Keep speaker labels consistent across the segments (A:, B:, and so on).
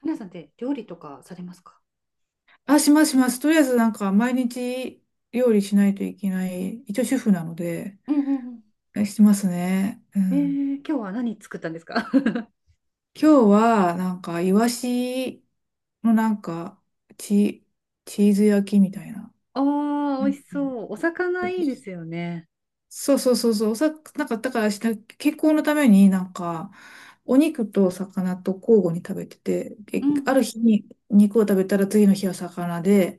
A: 花さんって料理とかされますか？
B: あ、しますします。とりあえずなんか毎日料理しないといけない、一応主婦なので、
A: うんうん
B: してますね。う
A: う
B: ん。
A: ん。今日は何作ったんですか？
B: 今日はなんかイワシのなんかチ、チーズ焼きみたいな。
A: ああ
B: う
A: 美味しそ
B: ん、
A: う。お魚いいですよね。
B: そうそうそうそう、なんか、だからした、健康のためになんか、お肉と魚と交互に食べてて、
A: うん
B: あ
A: う
B: る
A: ん。
B: 日に肉を食べたら次の日は魚で、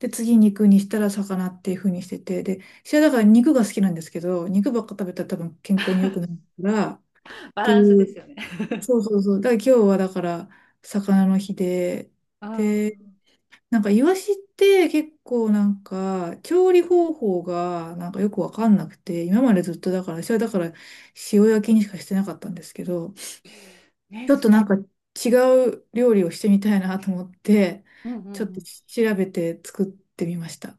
B: で、次肉にしたら魚っていう風にしてて、で、私はだから肉が好きなんですけど、肉ばっか食べたら多分健康に良くないから、っ
A: バ
B: て
A: ランス
B: い
A: で
B: う、
A: すよね。
B: そうそうそう、だから今日はだから魚の日で、
A: ああ、
B: なんかイワシって結構なんか調理方法がなんかよくわかんなくて、今までずっとだから、私はだから塩焼きにしかしてなかったんですけど、
A: ね、
B: ちょっ
A: そ
B: となんか違う料理をしてみたいなと思って、
A: うんうんう
B: ちょっと
A: ん。
B: 調べて作ってみました。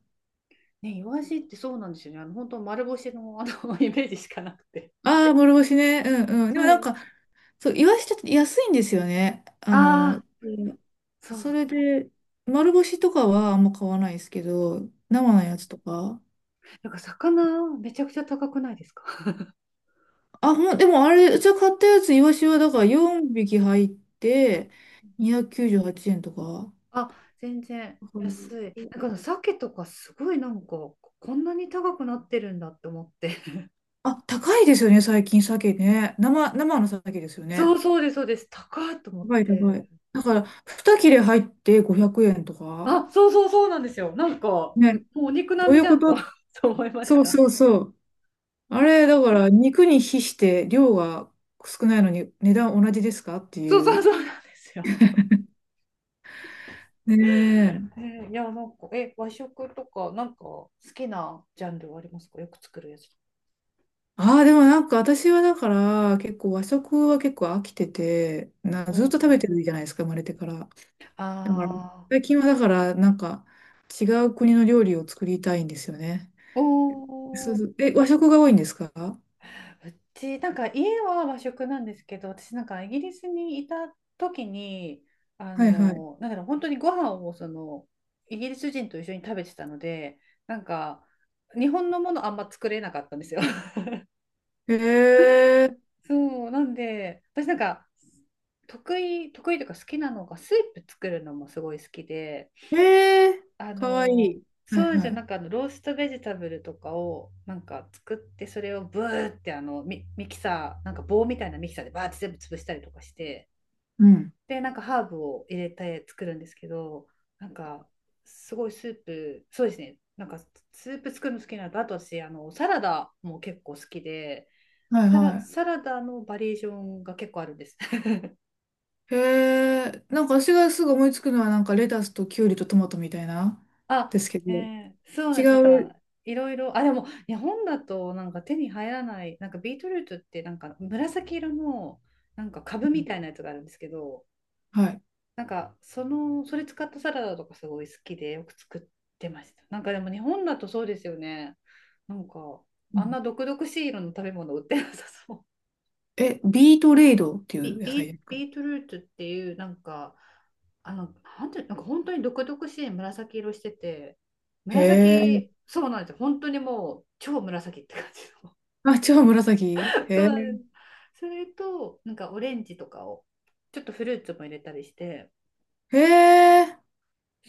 A: ね、イワシってそうなんですよね。本当丸干しのイメージしかなくて。
B: ああ、諸星ね。うんうん。でもなん
A: そう。
B: か、そう、イワシちょっと安いんですよね。あ
A: あ
B: の、
A: あ、
B: うん、
A: そうそ
B: そ
A: う。
B: れで、丸干しとかはあんま買わないですけど、生のやつとか。
A: なんか魚めちゃくちゃ高くないですか？
B: あ、でもあれ、うちは買ったやつ、イワシはだから4匹入って、298円とか。
A: あ、全然。
B: うん、
A: 安い。なんかあの鮭とかすごいなんかこんなに高くなってるんだって思って。
B: あ、高いですよね、最近、鮭ね。生の鮭ですよ
A: そ
B: ね。
A: うそうです、そうです。高いと思っ
B: 高い、高
A: て。
B: い。だから、2切れ入って500円とか。
A: あ、そうそうそうなんですよ。なんか、ん
B: ね、
A: もうお肉
B: ど
A: 並
B: うい
A: みじ
B: う
A: ゃ
B: こ
A: んと
B: と？
A: そう思いまし
B: そう
A: た。
B: そうそう。あれ、だから、肉に比して量が少ないのに値段同じですかって
A: そう
B: い
A: そう
B: う。
A: そうなんですよ。
B: ねえ。
A: えいや、なんか、和食とか、なんか好きなジャンルはありますか？よく作るやつ。
B: ああ、でもなんか私はだから結構和食は結構飽きてて、
A: う
B: ずっ
A: ん。
B: と食べてるじゃないですか、生まれてから。
A: あ
B: だから、
A: あ、
B: 最近はだからなんか違う国の料理を作りたいんですよね。
A: お
B: そうそ
A: お。
B: う。え、和食が多いんですか？は
A: うち、なんか家は和食なんですけど、私なんかイギリスにいた時に、あ
B: いはい。
A: の、なんだろう、本当にご飯をその、イギリス人と一緒に食べてたので、なんか、日本のものあんま作れなかったんですよ。
B: へえ、
A: そう、なんで、私なんか、得意というか好きなのが、スープ作るのもすごい好きで、
B: へえ、
A: あ
B: かわい
A: の
B: い。はい
A: そうじ
B: は
A: ゃな
B: い。
A: んかあのローストベジタブルとかをなんか作ってそれをブーってあのミキサーなんか棒みたいなミキサーでバーって全部潰したりとかして、
B: うん。
A: でなんかハーブを入れて作るんですけど、なんかすごいスープそうですね。なんかスープ作るの好きなのと、あと私あのサラダも結構好きで、
B: はいは
A: サラダのバリエーションが結構あるんです。
B: い。へえ、なんか私がすぐ思いつくのはなんかレタスとキュウリとトマトみたいな、で
A: あ、
B: すけど、
A: そうな
B: 違
A: んです。だか
B: う。
A: ら、いろいろ、あ、でも、日本だと、なんか手に入らない、なんかビートルートって、なんか紫色の、なんか株みたいなやつがあるんですけど、
B: はい。
A: なんか、その、それ使ったサラダとかすごい好きで、よく作ってました。なんかでも、日本だとそうですよね。なんか、あんな毒々しい色の食べ物売ってなさそう。
B: え、ビートレイドっていう野菜ですか？
A: ビートルートっていう、なんか、あの、なんてなんか本当に毒々しい紫色してて、
B: へ
A: 紫、
B: え。
A: そうなんですよ。本当にもう超紫って感じの。
B: あ、違う、紫。へ
A: そう
B: え。
A: なんです。それと、なんかオレンジとかを、ちょっとフルーツも入れたりして、
B: へえ。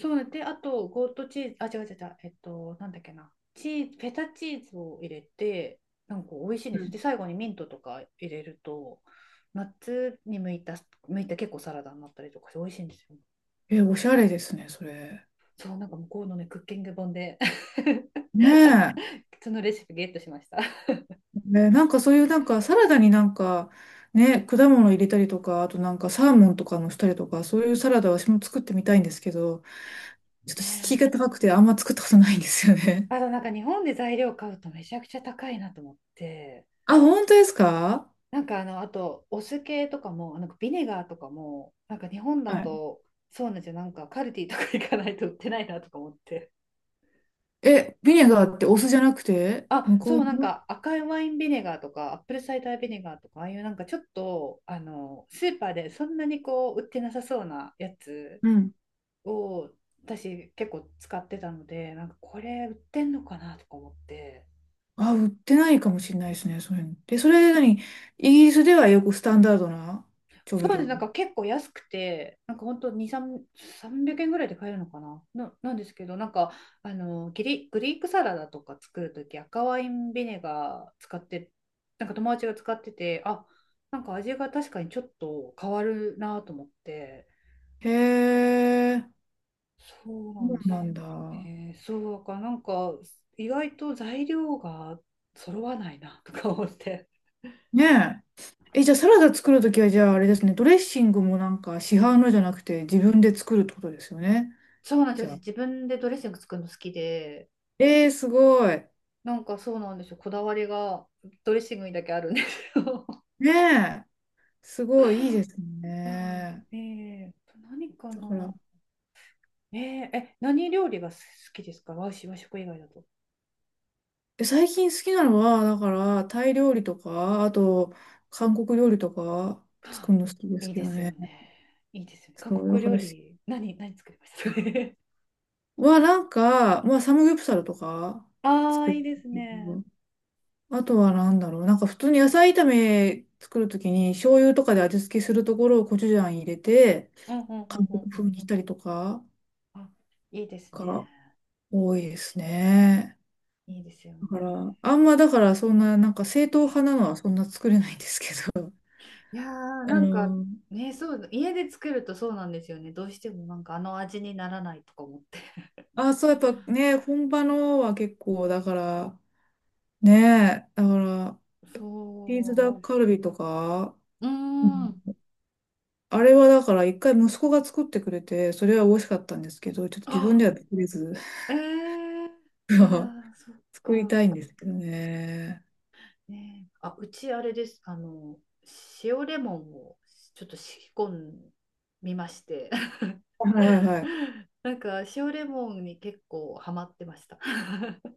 A: そうなんで、あと、ゴートチーズ、あ、違う違う違う、なんだっけな、チーズ、フェタチーズを入れて、なんか美味しいんで
B: う
A: すよ。
B: ん、
A: で、最後にミントとか入れると、夏に向いた、結構サラダになったりとかして美味しいんですよ。
B: え、おしゃれですね、それ。
A: そう、なんか向こうのね、クッキング本で
B: ね
A: そ、
B: え。
A: そのレシピゲットしました。
B: ね、なんかそういうなんかサラダになんか、ね、果物入れたりとか、あとなんかサーモンとかのしたりとか、そういうサラダ私も作ってみたいんですけど、ちょっと敷居が高くてあんま作ったことないんですよね。
A: あとなんか日本で材料買うとめちゃくちゃ高いなと思って、
B: あ、本当ですか？
A: なんかあの、あとお酢系とかも、なんかビネガーとかも、なんか日本だ
B: はい。
A: と、そうなんですよ、なんかカルディとか行かないと売ってないなとか思って。
B: え、ビネガーってお酢じゃなくて、
A: あ、
B: 向
A: そ
B: こう
A: う、なん
B: の、
A: か赤いワインビネガーとか、アップルサイダービネガーとか、ああいうなんかちょっと、あの、スーパーでそんなにこう、売ってなさそうなやつ
B: うん、
A: を私結構使ってたので、なんかこれ売ってんのかなとか思って、
B: あ、売ってないかもしれないですね、そういうの。で、それなに、イギリスではよくスタンダードな調味
A: そうで
B: 料
A: す
B: な
A: なん
B: んだ。
A: か結構安くて、なんかほんと2,300円ぐらいで買えるのかなななんですけど、なんかあのギリグリークサラダとか作るとき赤ワインビネガー使って、なんか友達が使ってて、あ、なんか味が確かにちょっと変わるなと思って、
B: へえ、
A: そう
B: そ
A: なんで
B: う
A: す
B: なん
A: よ
B: だ。
A: ね。そうだからなんか意外と材料が揃わないなとか思って。
B: ねえ。え、じゃあサラダ作るときは、じゃああれですね、ドレッシングもなんか市販のじゃなくて自分で作るってことですよね。
A: そうなんで
B: じ
A: す
B: ゃ
A: よ。私
B: あ。
A: 自分でドレッシング作るの好きで、
B: えー、すごい。
A: なんかそうなんですよ。こだわりがドレッシングにだけあるんですよ。
B: ねえ。すごい、いいです ね。
A: 何か
B: だか
A: な。
B: ら、
A: えええ、何料理が好きですか？和食、和食以外だと。
B: え、最近好きなのは、だから、タイ料理とか、あと、韓国料理とか、作る の好きです
A: いい
B: け
A: で
B: ど
A: すよ
B: ね。
A: ね。いいですよね。韓
B: そう、だ
A: 国
B: か
A: 料
B: ら
A: 理、何作りましたかね。
B: は、なんか、まあ、サムギョプサルとか
A: ああ、
B: 作る
A: いいです
B: け
A: ね。
B: ど。あとはなんだろう。なんか普通に野菜炒め作るときに醤油とかで味付けするところをコチュジャン入れて、
A: うんうんうん
B: 韓
A: うん
B: 国
A: う
B: 風
A: ん。
B: にしたりとか
A: あ、いいですね。
B: が多いですね。
A: いいですよ
B: だか
A: ね。
B: ら、あんまだからそんな、なんか正統派なのはそんな作れないんですけど。
A: いやー、
B: あ
A: なんか
B: の、
A: ね、そう、家で作るとそうなんですよね。どうしてもなんかあの味にならないとか思って。
B: あ、そう、やっぱね、本場のは結構、だから、ね、だから、
A: そ
B: チーズ
A: うなん
B: ダック
A: です。
B: カルビとか、
A: うーん。
B: あれはだから一回息子が作ってくれて、それは美味しかったんですけど、ちょっと自分
A: あ、
B: ではできず
A: いやー、そっ
B: 作りたいん
A: か。
B: ですけどね。
A: ねえ、あ、うちあれです。あの、塩レモンをちょっと仕込んみまして。
B: は いはいはい。
A: なんか塩レモンに結構ハマってました。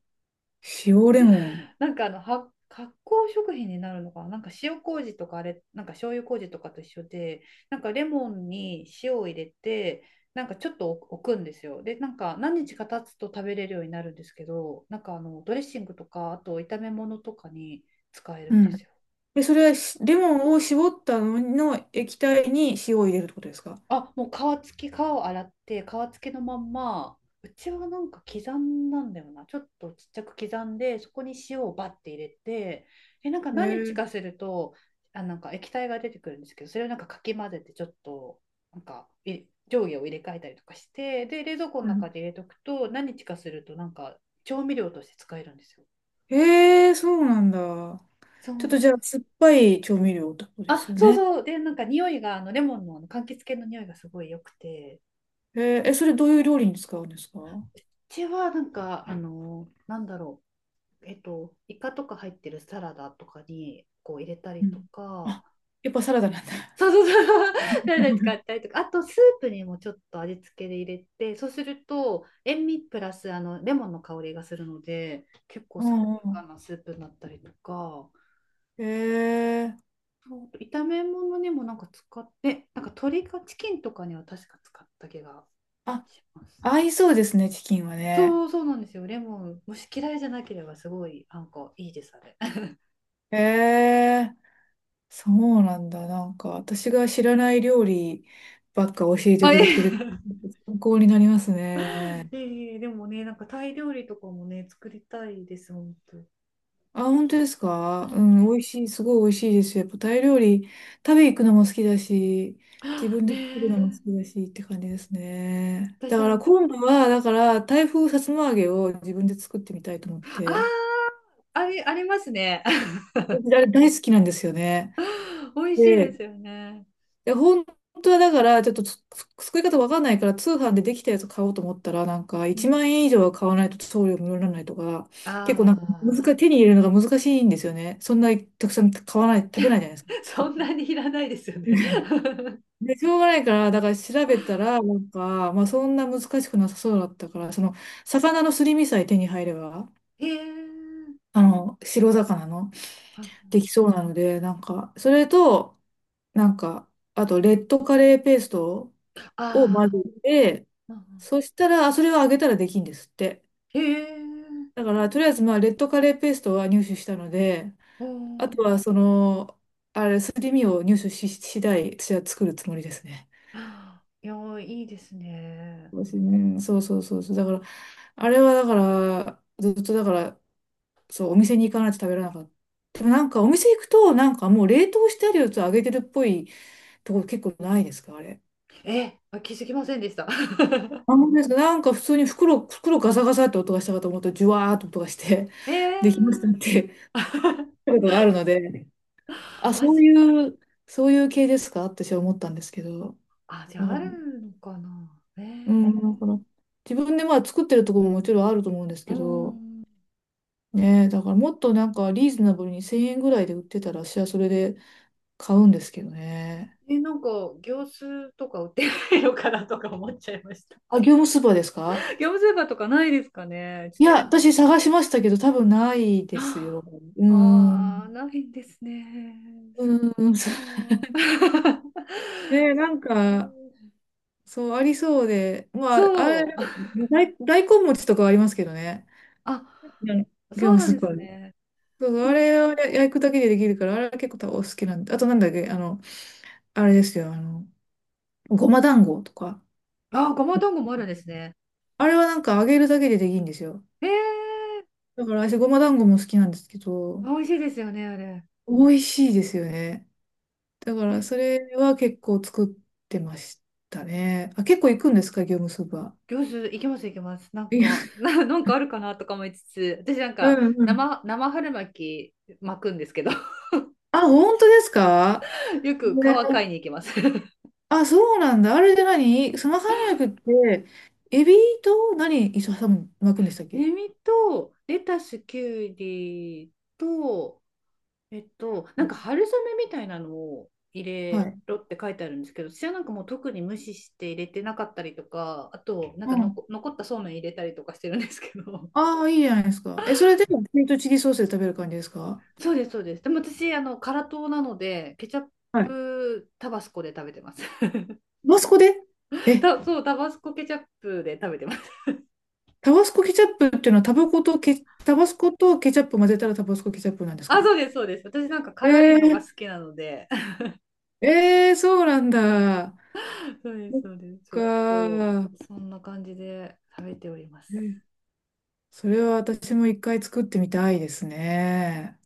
B: 塩レモン。
A: なんかあのは発酵食品になるのかな、なんか塩麹とかあれ、なんか醤油麹とかと一緒で、なんかレモンに塩を入れて、なんかちょっと置くんですよ。で、なんか何日か経つと食べれるようになるんですけど、なんかあのドレッシングとか、あと炒め物とかに使える
B: う
A: んです
B: ん。
A: よ。
B: で、それはしレモンを絞ったのの液体に塩を入れるってことですか？
A: あ、もう皮付き、皮を洗って、皮付きのまんま、うちはなんか刻んだんだよな。ちょっとちっちゃく刻んで、そこに塩をバッて入れて、え、なんか
B: へ
A: 何日
B: え、
A: かすると、あ、なんか液体が出てくるんですけど、それをなんかかき混ぜて、ちょっと、なんかい、上下を入れ替えたりとかして、で、冷蔵庫の
B: う
A: 中
B: ん、
A: で入れとくと、何日かすると、なんか調味料として使えるんですよ。
B: へえ、そうなんだ。
A: そうな
B: ちょっと
A: ん
B: じゃ
A: で
B: あ、
A: す。
B: 酸っぱい調味料ってことです
A: あ、
B: よ
A: そう
B: ね。
A: そう。で、なんか匂いが、あの、レモンのあの柑橘系の匂いがすごい良くて、
B: へええ、それどういう料理に使うんですか？
A: ちはなんか、あの、なんだろう、イカとか入ってるサラダとかにこう入れた
B: う
A: りと
B: ん。
A: か、
B: あ、やっぱサラダなんだ。
A: そうそうそう、サラダ 使ったりとか、あとスープにもちょっと味付けで入れて、そうすると塩味プラスあのレモンの香りがするので、結構
B: う
A: 爽
B: んう
A: やか
B: ん。
A: なスープになったりとか、
B: へえ。
A: そうあと炒め物にもなんか使って、なんか鶏かチキンとかには確か使った気が
B: あ、
A: します。
B: 合いそうですね、チキンはね。
A: そうそうなんですよ。レモン、もし嫌いじゃなければすごいなんかいいです、あれ。
B: へえ、そうなんだ。なんか、私が知らない料理ばっか教えて
A: あ、
B: くれ
A: ええ
B: てる、参考になりますね。
A: ええでもね、なんかタイ料理とかもね、作りたいです、本当。
B: あ、本当です
A: う
B: か？う
A: ん、
B: ん、美味しい、すごい美味しいですよ。やっぱタイ料理、食べ行くのも好きだし、自 分
A: ね
B: で作るのも好
A: え、
B: きだしって感じですね。だ
A: 私
B: か
A: あ
B: ら
A: の、
B: 今度は、だから、タイ風さつま揚げを自分で作ってみたいと思っ
A: あ
B: て。
A: あ、ありますね。
B: 私あれ大好きなんですよね。
A: 美味しいで
B: で、
A: すよね。
B: いや、本当はだから、ちょっとつ作り方わかんないから、通販でできたやつ買おうと思ったら、なんか、
A: う
B: 1
A: ん、
B: 万円以上は買わないと送料無料にならないとか、
A: あ
B: 結構なんか難し
A: あ、
B: い、手に入れるのが難しいんですよね。そんなにたくさん買わない、食べないじゃないですか。
A: そ
B: 買っ
A: んな
B: て
A: にいらないですよね。
B: で、しょうがないから、だから調べたら、なんか、まあそんな難しくなさそうだったから、その、魚のすり身さえ手に入れば、
A: へえ、
B: あの、白魚の、
A: あ
B: できそうなので、なんか、それと、なんか、あと、レッドカレーペーストを混
A: あ
B: ぜて、
A: ーうんうん
B: そしたら、あそれを揚げたらできんですって。
A: へえ、
B: だから、とりあえず、まあ、レッドカレーペーストは入手したので、
A: お
B: あとは、
A: ー
B: その、あれ、すり身を入手し次第、私は作るつもりですね。
A: いやー、いいですね。
B: そうですねそうそうそうそう。だから、あれはだから、ずっとだから、そう、お店に行かないと食べられなかった。でもなんか、お店行くと、なんかもう冷凍してあるやつを揚げてるっぽいところ結構ないですか、あれ。
A: え、あ気づきませんでした。
B: あ、本当ですか。なんか普通に袋ガサガサって音がしたかと思うと、ジュワーっと音がして、
A: え え
B: できましたって ことがあるので、あ、
A: あ、
B: そういう、そういう系ですかって私は思ったんですけど、
A: じゃ
B: だ
A: あ、
B: から、
A: あるのかな。
B: うん、だから自分でまあ作ってるところももちろんあると思うんです
A: う
B: けど、
A: ん。
B: ねえ、だからもっとなんかリーズナブルに1000円ぐらいで売ってたら、私はそれで買うんですけどね。
A: え、なんか、業スーとか売ってないのかなとか思っちゃいました。
B: あ、業務スーパーですか？
A: 業務スーパーとかないですかね。ちょっ
B: い
A: と
B: や、
A: こ、
B: 私探しましたけど、多分ない ですよ。
A: あ
B: うー
A: あー、
B: ん。
A: ないんですね。
B: う
A: そ
B: ーん。
A: っか。
B: ねえ、な んか、そう、ありそうで、まあ、あれ、
A: そう。
B: 大根餅とかはありますけどね。
A: あ、
B: あの業
A: そう
B: 務
A: な
B: ス
A: ん
B: ー
A: で
B: パ
A: す
B: ーで。
A: ね。
B: そうそ
A: え
B: う、あれを
A: ー、
B: や焼くだけでできるから、あれは結構多分お好きなんで。あとなんだっけ、あの、あれですよ、あの、ごま団子とか。
A: あ、ごま団子もあるんですね。
B: あれはなんか揚げるだけでできるんですよ。
A: えー、
B: だから私、ごま団子も好きなんですけど、
A: 美味しいですよね、あれ。
B: 美味しいですよね。だから、それは結構作ってましたね。あ、結構行くんですか、業務スーパ
A: 行子いけますいけます。なん
B: ー。いや、
A: か、なんかあるかなとか思いつつ、私なん
B: う
A: か
B: んうん。
A: 生春巻き巻くんですけど、
B: あ、本当ですか
A: よく
B: ね、
A: 皮買いに行きます。
B: あ、そうなんだ。あれで何スマーハンライクって、エビと何一緒に巻くんでしたっけ？
A: ネミとレタス、キュウリと、なんか春雨みたいなのを入
B: は
A: れ
B: い。
A: ろって書いてあるんですけど、私はなんかもう特に無視して入れてなかったりとか、あと、なん
B: う
A: かの
B: ん。
A: こ残ったそうめん入れたりとかしてるんですけど、
B: ああ、いいじゃないですか。え、それで、ピリトチリソースで食べる感じですか？
A: そうです、そうです。でも私、あの、辛党なので、ケチャッ
B: はい。
A: プタバスコで食べてます。
B: タバスコで、え、
A: そう、タバスコケチャップで食べてます。
B: タバスコケチャップっていうのはタバコとケ、タバスコとケチャップ混ぜたらタバスコケチャップなんで す
A: あ、
B: か？
A: そうです、そうです。私なんか辛いのが好
B: え
A: きなので、
B: ー、えー、そうなんだ。
A: そうで
B: そ
A: す、
B: っ
A: そうです。ちょ
B: か
A: っと、
B: ー。
A: そんな感じで食べております。
B: え、それは私も一回作ってみたいですね。